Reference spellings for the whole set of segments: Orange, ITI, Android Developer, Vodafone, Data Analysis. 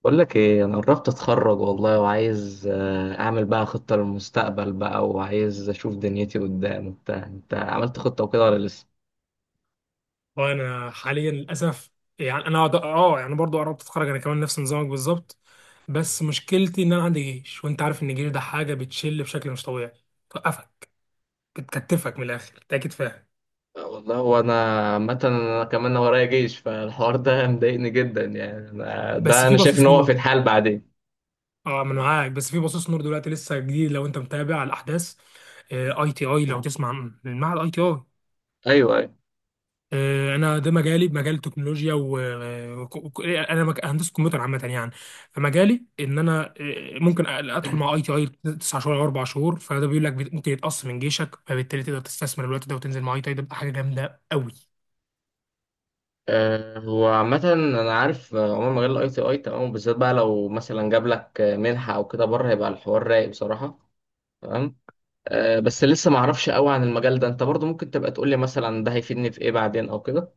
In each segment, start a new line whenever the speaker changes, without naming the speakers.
بقول لك ايه، انا قربت اتخرج والله، وعايز اعمل بقى خطة للمستقبل بقى، وعايز اشوف دنيتي قدام وبتاع. انت عملت خطة وكده ولا لسه؟
وانا حاليا للاسف يعني انا برضو قربت اتخرج انا كمان نفس نظامك بالظبط. بس مشكلتي ان انا عندي جيش، وانت عارف ان الجيش ده حاجه بتشل بشكل مش طبيعي، توقفك، بتكتفك من الاخر، انت اكيد فاهم.
والله. وانا عامه انا كمان ورايا جيش، فالحوار ده مضايقني جدا. يعني ده
بس في
انا شايف ان
بصيص
هو
نور،
في الحال بعدين.
اه من معاك. بس في بصيص نور دلوقتي لسه جديد لو انت متابع على الاحداث. اي تي اي، لو تسمع عن المعهد اي تي اي.
ايوه، ايوه.
انا ده مجالي مجال التكنولوجيا و هندسه كمبيوتر عامه يعني. فمجالي ان انا ممكن ادخل مع اي تي اي تسع شهور او اربع شهور، فده بيقول لك ممكن يتقص من جيشك، فبالتالي تقدر تستثمر الوقت ده وتنزل مع اي تي اي. ده بتبقى حاجه جامده قوي.
هو عامة أنا عارف، عموما مجال الأي تي أي تمام، وبالذات بقى لو مثلا جاب لك منحة أو كده بره، هيبقى الحوار رايق بصراحة. تمام. بس لسه ما اعرفش قوي عن المجال ده. انت برضو ممكن تبقى تقول لي مثلا ده هيفيدني في ايه بعدين او كده؟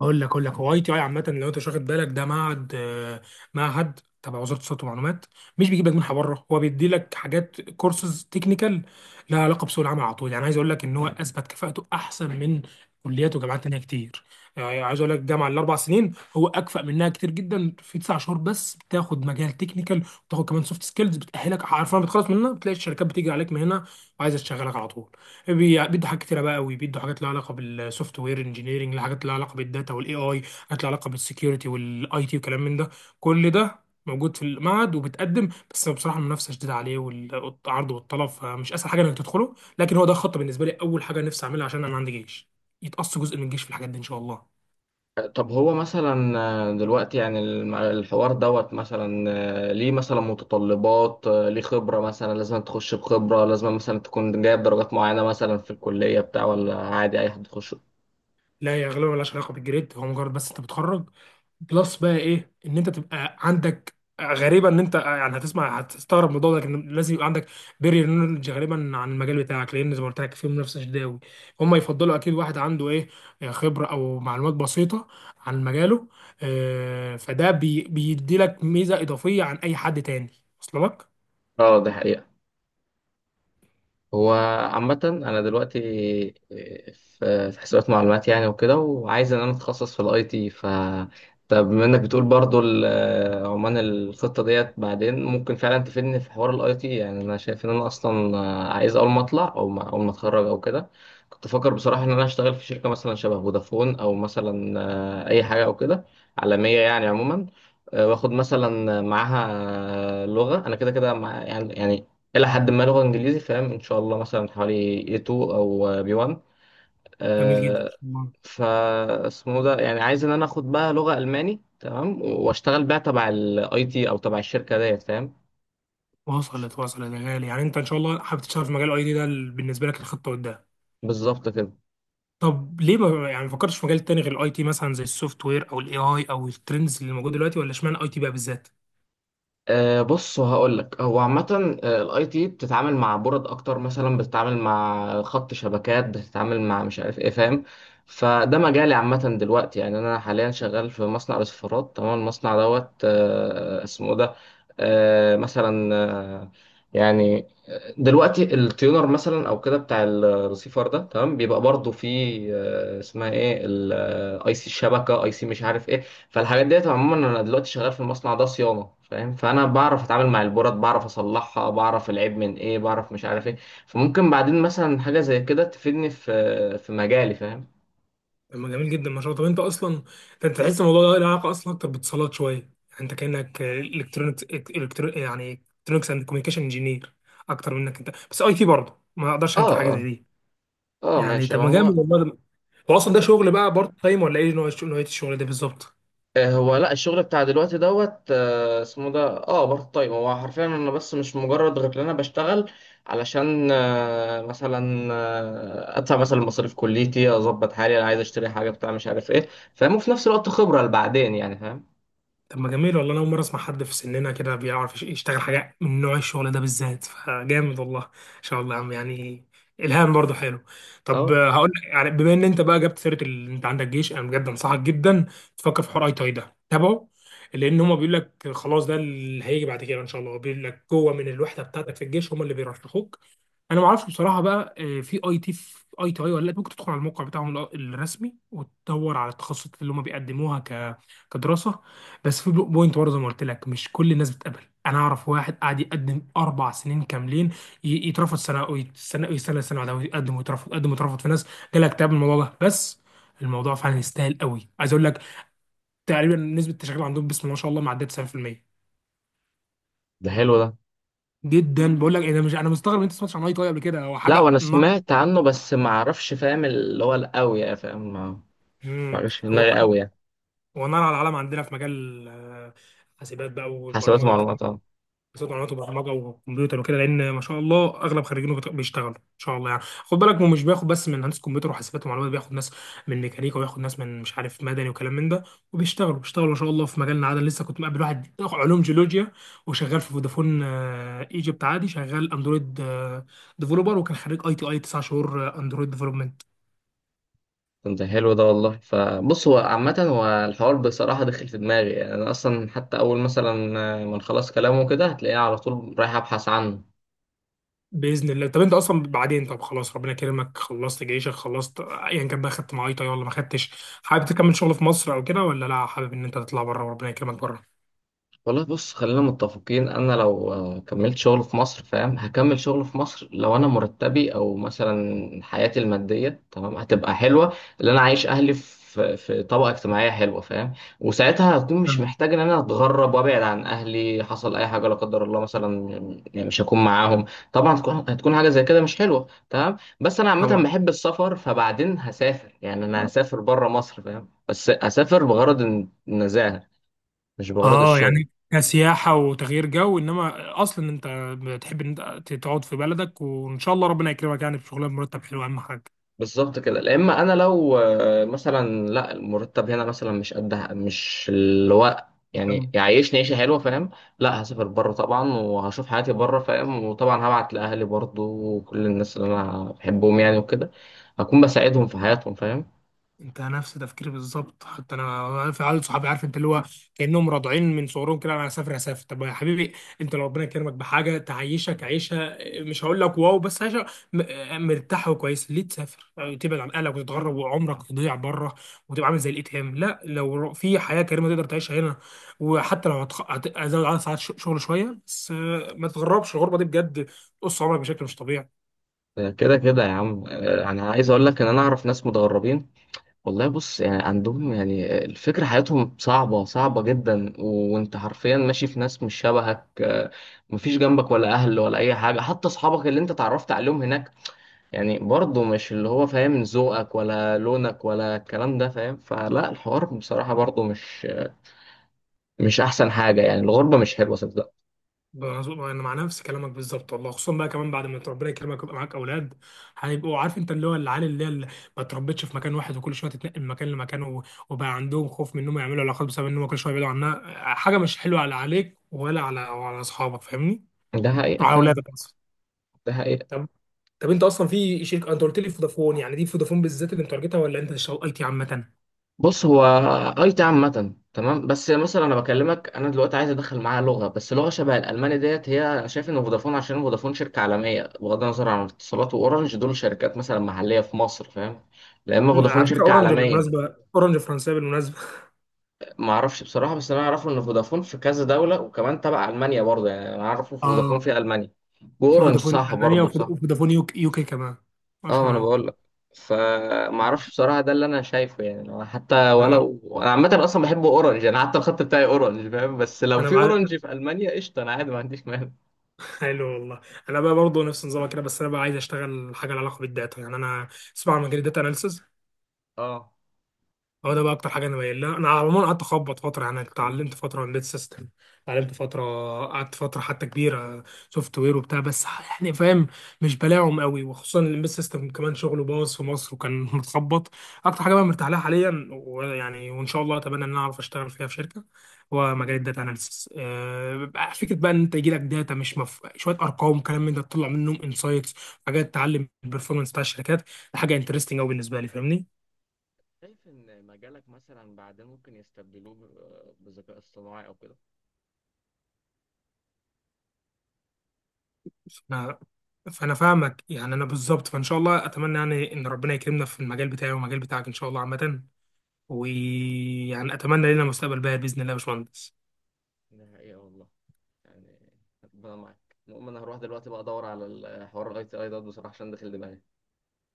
اقول لك هو اي تي اي عامه، لو انت مش واخد بالك، ده معهد، معهد تبع وزاره الاتصالات والمعلومات. مش بيجيب لك منحه بره، هو بيدي لك حاجات كورسز تكنيكال لها علاقه بسوق العمل على طول. يعني عايز اقول لك ان هو اثبت كفاءته احسن من كليات وجامعات تانيه كتير. يعني عايز اقول لك الجامعه الاربع سنين هو اكفأ منها كتير جدا. في تسع شهور بس بتاخد مجال تكنيكال وتاخد كمان سوفت سكيلز بتاهلك، عارفه، بتخلص منها بتلاقي الشركات بتيجي عليك من هنا وعايزه تشغلك على طول. بيدوا حاجات كتيره بقى قوي، بيدوا حاجات لها علاقه بالسوفت وير انجينيرنج، حاجات لها علاقه بالداتا والاي اي، حاجات لها علاقه بالسكيورتي والاي تي وكلام من ده. كل ده موجود في المعهد، وبتقدم، بس بصراحه المنافسه شديده عليه والعرض والطلب، فمش اسهل حاجه انك تدخله. لكن هو ده خط بالنسبه لي، اول حاجه نفسي اعملها، عشان انا عندي جيش يتقص جزء من الجيش في الحاجات دي ان شاء الله.
طب هو مثلا دلوقتي، يعني الحوار دوت مثلا، ليه مثلا متطلبات، ليه خبرة، مثلا لازم تخش بخبرة، لازم مثلا تكون جايب درجات معينة مثلا في الكلية بتاع، ولا عادي اي حد يخش؟
لا يا غالبا ملهاش علاقه بالجريد، هو مجرد بس انت بتخرج بلس بقى ايه، ان انت تبقى عندك، غريبه ان انت يعني هتسمع هتستغرب من الموضوع ده، لكن لازم يبقى عندك بيرير نولج غالبا عن المجال بتاعك، لان زي ما قلت لك في منافسه شديده قوي. هم يفضلوا اكيد واحد عنده ايه، خبره او معلومات بسيطه عن مجاله. فده بيدي لك ميزه اضافيه عن اي حد تاني. وصل لك؟
اه، ده حقيقة. هو عامة أنا دلوقتي في في حسابات معلومات يعني وكده، وعايز إن أنا أتخصص في الأي تي. ف طب بما إنك بتقول برضو عمان الخطة ديت بعدين ممكن فعلا تفيدني في حوار الأي تي. يعني أنا شايف إن أنا أصلا عايز أول ما أطلع، أو ما أول ما أتخرج أو كده. كنت فاكر بصراحة إن أنا أشتغل في شركة مثلا شبه فودافون، أو مثلا أي حاجة أو كده عالمية يعني عموما، واخد مثلا معاها لغة. أنا كده كده مع يعني إلى حد ما، لغة إنجليزي فاهم إن شاء الله مثلا حوالي A2 أو B1.
جميل جدا.
آه، فا اسمه ده، يعني عايز إن أنا آخد بقى لغة ألماني تمام، وأشتغل بقى تبع الأي تي أو تبع الشركة ديت فاهم.
وصلت وصلت يا غالي. يعني انت ان شاء الله حابب تشتغل في مجال اي دي ده، بالنسبه لك الخطه قدام.
بالظبط كده.
طب ليه ما فكرتش في مجال تاني غير الاي تي، مثلا زي السوفت وير او الاي اي او الترندز اللي موجوده دلوقتي، ولا اشمعنى اي تي بقى بالذات؟
أه بص، هقول لك. هو عامة الاي تي بتتعامل مع بورد اكتر، مثلا بتتعامل مع خط شبكات، بتتعامل مع مش عارف ايه فاهم. فده مجالي عامة دلوقتي. يعني انا حاليا شغال في مصنع رسيفرات تمام. المصنع دوت اسمه ده، مثلا، أه يعني دلوقتي التيونر مثلا او كده بتاع الرسيفر ده تمام، بيبقى برضه فيه اسمها ايه، الاي سي الشبكة، اي سي مش عارف ايه. فالحاجات ديت عموما انا دلوقتي شغال في المصنع ده صيانه فاهم. فانا بعرف اتعامل مع البورات، بعرف اصلحها، بعرف العيب من ايه، بعرف مش عارف ايه. فممكن بعدين مثلا حاجه زي كده تفيدني في مجالي فاهم.
طب ما جميل جدا، ما شاء الله. طب انت اصلا، ده انت تحس الموضوع ده له علاقه اصلا اكتر باتصالات شويه. يعني انت كانك الكترونكس إلكترو- يعني الكترونكس اند كوميونيكيشن انجينير اكتر منك انت، بس اي تي برضه ما اقدرش انكر حاجه
اه،
زي
اه.
دي.
اه
يعني
ماشي.
طب
ما
ما جامد
هو
والله. هو اصلا ده شغل بقى بارت تايم ولا ايه نوع الشغل، نوعيه الشغل ده بالظبط؟
هو لا، الشغل بتاع دلوقتي دوت اسمه ده بارت تايم. هو حرفيا انا بس مش مجرد غير ان انا بشتغل علشان مثلا ادفع مثلا مصاريف كليتي، اظبط حالي، انا عايز اشتري حاجه بتاع مش عارف ايه فاهم، وفي نفس الوقت خبره لبعدين يعني فاهم.
طب ما جميل والله. انا اول مره اسمع حد في سننا كده بيعرف يشتغل حاجه من نوع الشغل ده بالذات، فجامد والله ان شاء الله يا عم يعني. الهام برضه حلو. طب
اه،
هقول لك، يعني بما ان انت بقى جبت سيره انت عندك جيش، انا بجد انصحك جدا تفكر في حوار اي تاي ده، تابعه، لان هما بيقول لك خلاص ده اللي هيجي بعد كده ان شاء الله. بيقول لك جوه من الوحده بتاعتك في الجيش هما اللي بيرشحوك. انا ما اعرفش بصراحه بقى، في اي تي في اي تي اي ولا لا، ممكن تدخل على الموقع بتاعهم الرسمي وتدور على التخصصات اللي هم بيقدموها كدراسه. بس في بوينت برضه زي ما قلت لك، مش كل الناس بتقبل. انا اعرف واحد قاعد يقدم اربع سنين كاملين، يترفض سنه ويستنى، يستنى سنه بعدها ويقدم ويترفض، يقدم ويترفض. في ناس جالها اكتئاب من الموضوع ده، بس الموضوع فعلا يستاهل قوي. عايز اقول لك تقريبا نسبه التشغيل عندهم، بسم الله ما شاء الله، معديه 90%،
ده حلو ده.
جدا. بقول لك إيه، انا مش، انا مستغرب ان انت ما سمعتش عن اي تي اي قبل كده، هو
لا،
حاجه
وانا
نعم.
سمعت عنه، بس ما اعرفش فاهم اللي هو القوي يعني فاهم. ما
مم.
جاش في
هو
دماغي قوي يعني.
ونار على العالم عندنا في مجال حاسبات بقى
حسابات
والبرمجه وكده.
معلومات، اه.
حاسبات معلومات وبرمجه وكمبيوتر وكده، لان ما شاء الله اغلب خريجينه بيشتغلوا ان شاء الله. يعني خد بالك، هو مش بياخد بس من هندسه كمبيوتر وحاسبات ومعلومات، بياخد ناس من ميكانيكا، وياخد ناس من مش عارف مدني وكلام من ده، وبيشتغلوا بيشتغلوا ما شاء الله في مجالنا عادي. لسه كنت مقابل واحد علوم جيولوجيا وشغال في فودافون ايجيبت، عادي شغال اندرويد ديفلوبر، وكان خريج اي تي اي 9 شهور اندرويد ديفلوبمنت.
طب ده حلو ده والله. فبص، هو عامة، هو الحوار بصراحة دخل في دماغي، يعني أنا أصلا حتى أول مثلا ما نخلص كلامه كده هتلاقيني على طول رايح أبحث عنه.
باذن الله. طب انت اصلا بعدين، طب خلاص ربنا كرمك، خلصت جيشك، خلصت ايا كان بقى، خدت معايطه ولا ما خدتش، حابب تكمل شغل في مصر او كده، ولا لا حابب ان انت تطلع بره وربنا يكرمك بره.
والله بص، خلينا متفقين. انا لو كملت شغل في مصر فاهم، هكمل شغل في مصر. لو انا مرتبي او مثلا حياتي الماديه تمام هتبقى حلوه، اللي انا عايش اهلي في طبقه اجتماعيه حلوه فاهم، وساعتها هكون مش
تمام.
محتاج ان انا اتغرب وابعد عن اهلي. حصل اي حاجه لا قدر الله مثلا، يعني مش هكون معاهم. طبعا هتكون حاجه زي كده مش حلوه تمام. بس انا عامه
طبعا.
بحب السفر، فبعدين هسافر. يعني انا هسافر بره مصر فاهم، بس اسافر بغرض النزاهه، مش بغرض
اه
الشغل.
يعني كسياحه وتغيير جو، انما اصلا انت بتحب ان انت تقعد في بلدك، وان شاء الله ربنا يكرمك يعني بشغلانه مرتب حلو، اهم
بالظبط كده. لا، اما انا لو مثلا، لا المرتب هنا مثلا مش قد، مش الوقت،
حاجه.
يعني يعيشني عيشه حلوه فاهم، لا هسافر بره طبعا، وهشوف حياتي بره فاهم. وطبعا هبعت لاهلي برضو، وكل الناس اللي انا بحبهم يعني وكده، هكون بساعدهم في حياتهم فاهم.
انت نفس تفكيري بالظبط، حتى انا في عيال صحابي، عارف انت اللي هو كانهم راضعين من صغرهم كده، انا هسافر هسافر. طب يا حبيبي، انت لو ربنا كرمك بحاجه تعيشك عيشه، مش هقول لك واو، بس عيشه مرتاح وكويس، ليه تسافر يعني تبعد عن اهلك وتتغرب وعمرك يضيع بره، وتبقى عامل زي الاتهام؟ لا، لو في حياه كريمه تقدر تعيشها هنا، وحتى لو هزود عدد ساعات شغل شويه، بس ما تتغربش، الغربه دي بجد بتقص عمرك بشكل مش طبيعي.
كده كده يا عم، انا عايز اقول لك ان انا اعرف ناس متغربين. والله بص، يعني عندهم، يعني الفكرة حياتهم صعبة صعبة جدا، وانت حرفيا ماشي في ناس مش شبهك، مفيش جنبك ولا اهل ولا اي حاجة. حتى اصحابك اللي انت اتعرفت عليهم هناك، يعني برضه مش اللي هو فاهم ذوقك ولا لونك ولا الكلام ده فاهم. فلا، الحوار بصراحة برضه مش احسن حاجة. يعني الغربة مش حلوة صدق.
مظبوط، انا مع نفس كلامك بالظبط والله، خصوصا بقى كمان بعد ما ربنا يكرمك ويبقى معاك اولاد، هيبقوا عارف انت اللي هو، العيال اللي هي اللي ما اتربتش في مكان واحد، وكل شويه تتنقل من مكان لمكان و- وبقى عندهم خوف من انهم يعملوا علاقات بسبب انهم كل شويه يبعدوا عنها. حاجه مش حلوه على عليك، ولا على وعلى اصحابك، فاهمني؟
ده حقيقة
وعلى
فعلا.
اولادك اصلا.
ده حقيقة.
طب طب انت اصلا في شركه، انت قلت لي فودافون، يعني دي فودافون بالذات اللي انت تارجتها، ولا انت شغلت عامه؟
بص، هو اي تي عامة تمام، بس مثلا انا بكلمك انا دلوقتي عايز ادخل معاها لغة، بس لغة شبه الالماني ديت هي. انا شايف ان فودافون، عشان فودافون شركة عالمية، بغض النظر عن اتصالات واورنج، دول شركات مثلا محلية في مصر فاهم، لا اما فودافون
على فكره
شركة
اورنج
عالمية.
بالمناسبه، اورنج فرنسيه بالمناسبه.
ما اعرفش بصراحة، بس انا اعرفه ان فودافون في كذا دولة، وكمان تبع المانيا برضه. يعني انا اعرف إن فودافون
اه،
في المانيا،
في
واورنج
فودافون
صح
المانيا
برضه، صح.
وفودافون يوكي كمان،
اه، ما
اشهر
انا
قوي.
بقول لك. فما اعرفش بصراحه، ده اللي انا شايفه. يعني لو حتى،
انا مع-
ولو انا عامه اصلا بحب اورنج، انا حتى الخط بتاعي اورنج فاهم، بس لو
انا
في
مع...
اورنج في المانيا قشطه، انا عادي ما عنديش مانع.
حلو والله. انا بقى برضه نفس نظامك كده، بس انا بقى عايز اشتغل حاجه لها علاقه بالداتا. يعني انا اسمع عن مجال الداتا اناليسز،
اه،
هو ده بقى اكتر حاجه انا مايل لها. انا على العموم قعدت اخبط فتره، يعني اتعلمت فتره امبيد سيستم، اتعلمت فتره، قعدت فتره حتى كبيره سوفت وير وبتاع، بس يعني فاهم، مش بلاعهم قوي، وخصوصا الامبيد سيستم كمان شغله باظ في مصر، وكان متخبط. اكتر حاجه بقى مرتاح لها حاليا ويعني وان شاء الله اتمنى ان انا اعرف اشتغل فيها في شركه، هو مجال الداتا اناليسيس. بقى فكره بقى ان انت يجي لك داتا، مش مف... شويه ارقام كلام من ده تطلع منهم انسايتس، حاجات تعلم البرفورمانس بتاع الشركات. ده حاجه انترستنج قوي بالنسبه لي، فاهمني؟
شايف ان مجالك مثلا بعدين ممكن يستبدلوه بالذكاء اصطناعي او كده؟
انا فانا فاهمك، يعني انا بالظبط، فان شاء الله اتمنى يعني ان ربنا يكرمنا في المجال بتاعي والمجال بتاعك ان شاء الله عامه، ويعني اتمنى لنا مستقبل باهر باذن الله يا باشمهندس.
ده حقيقة والله. يعني ربنا معاك. المهم انا هروح دلوقتي بقى ادور على الحوار الاي تي اي ده بصراحه، عشان داخل دماغي.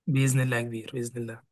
باذن الله يا كبير، باذن الله.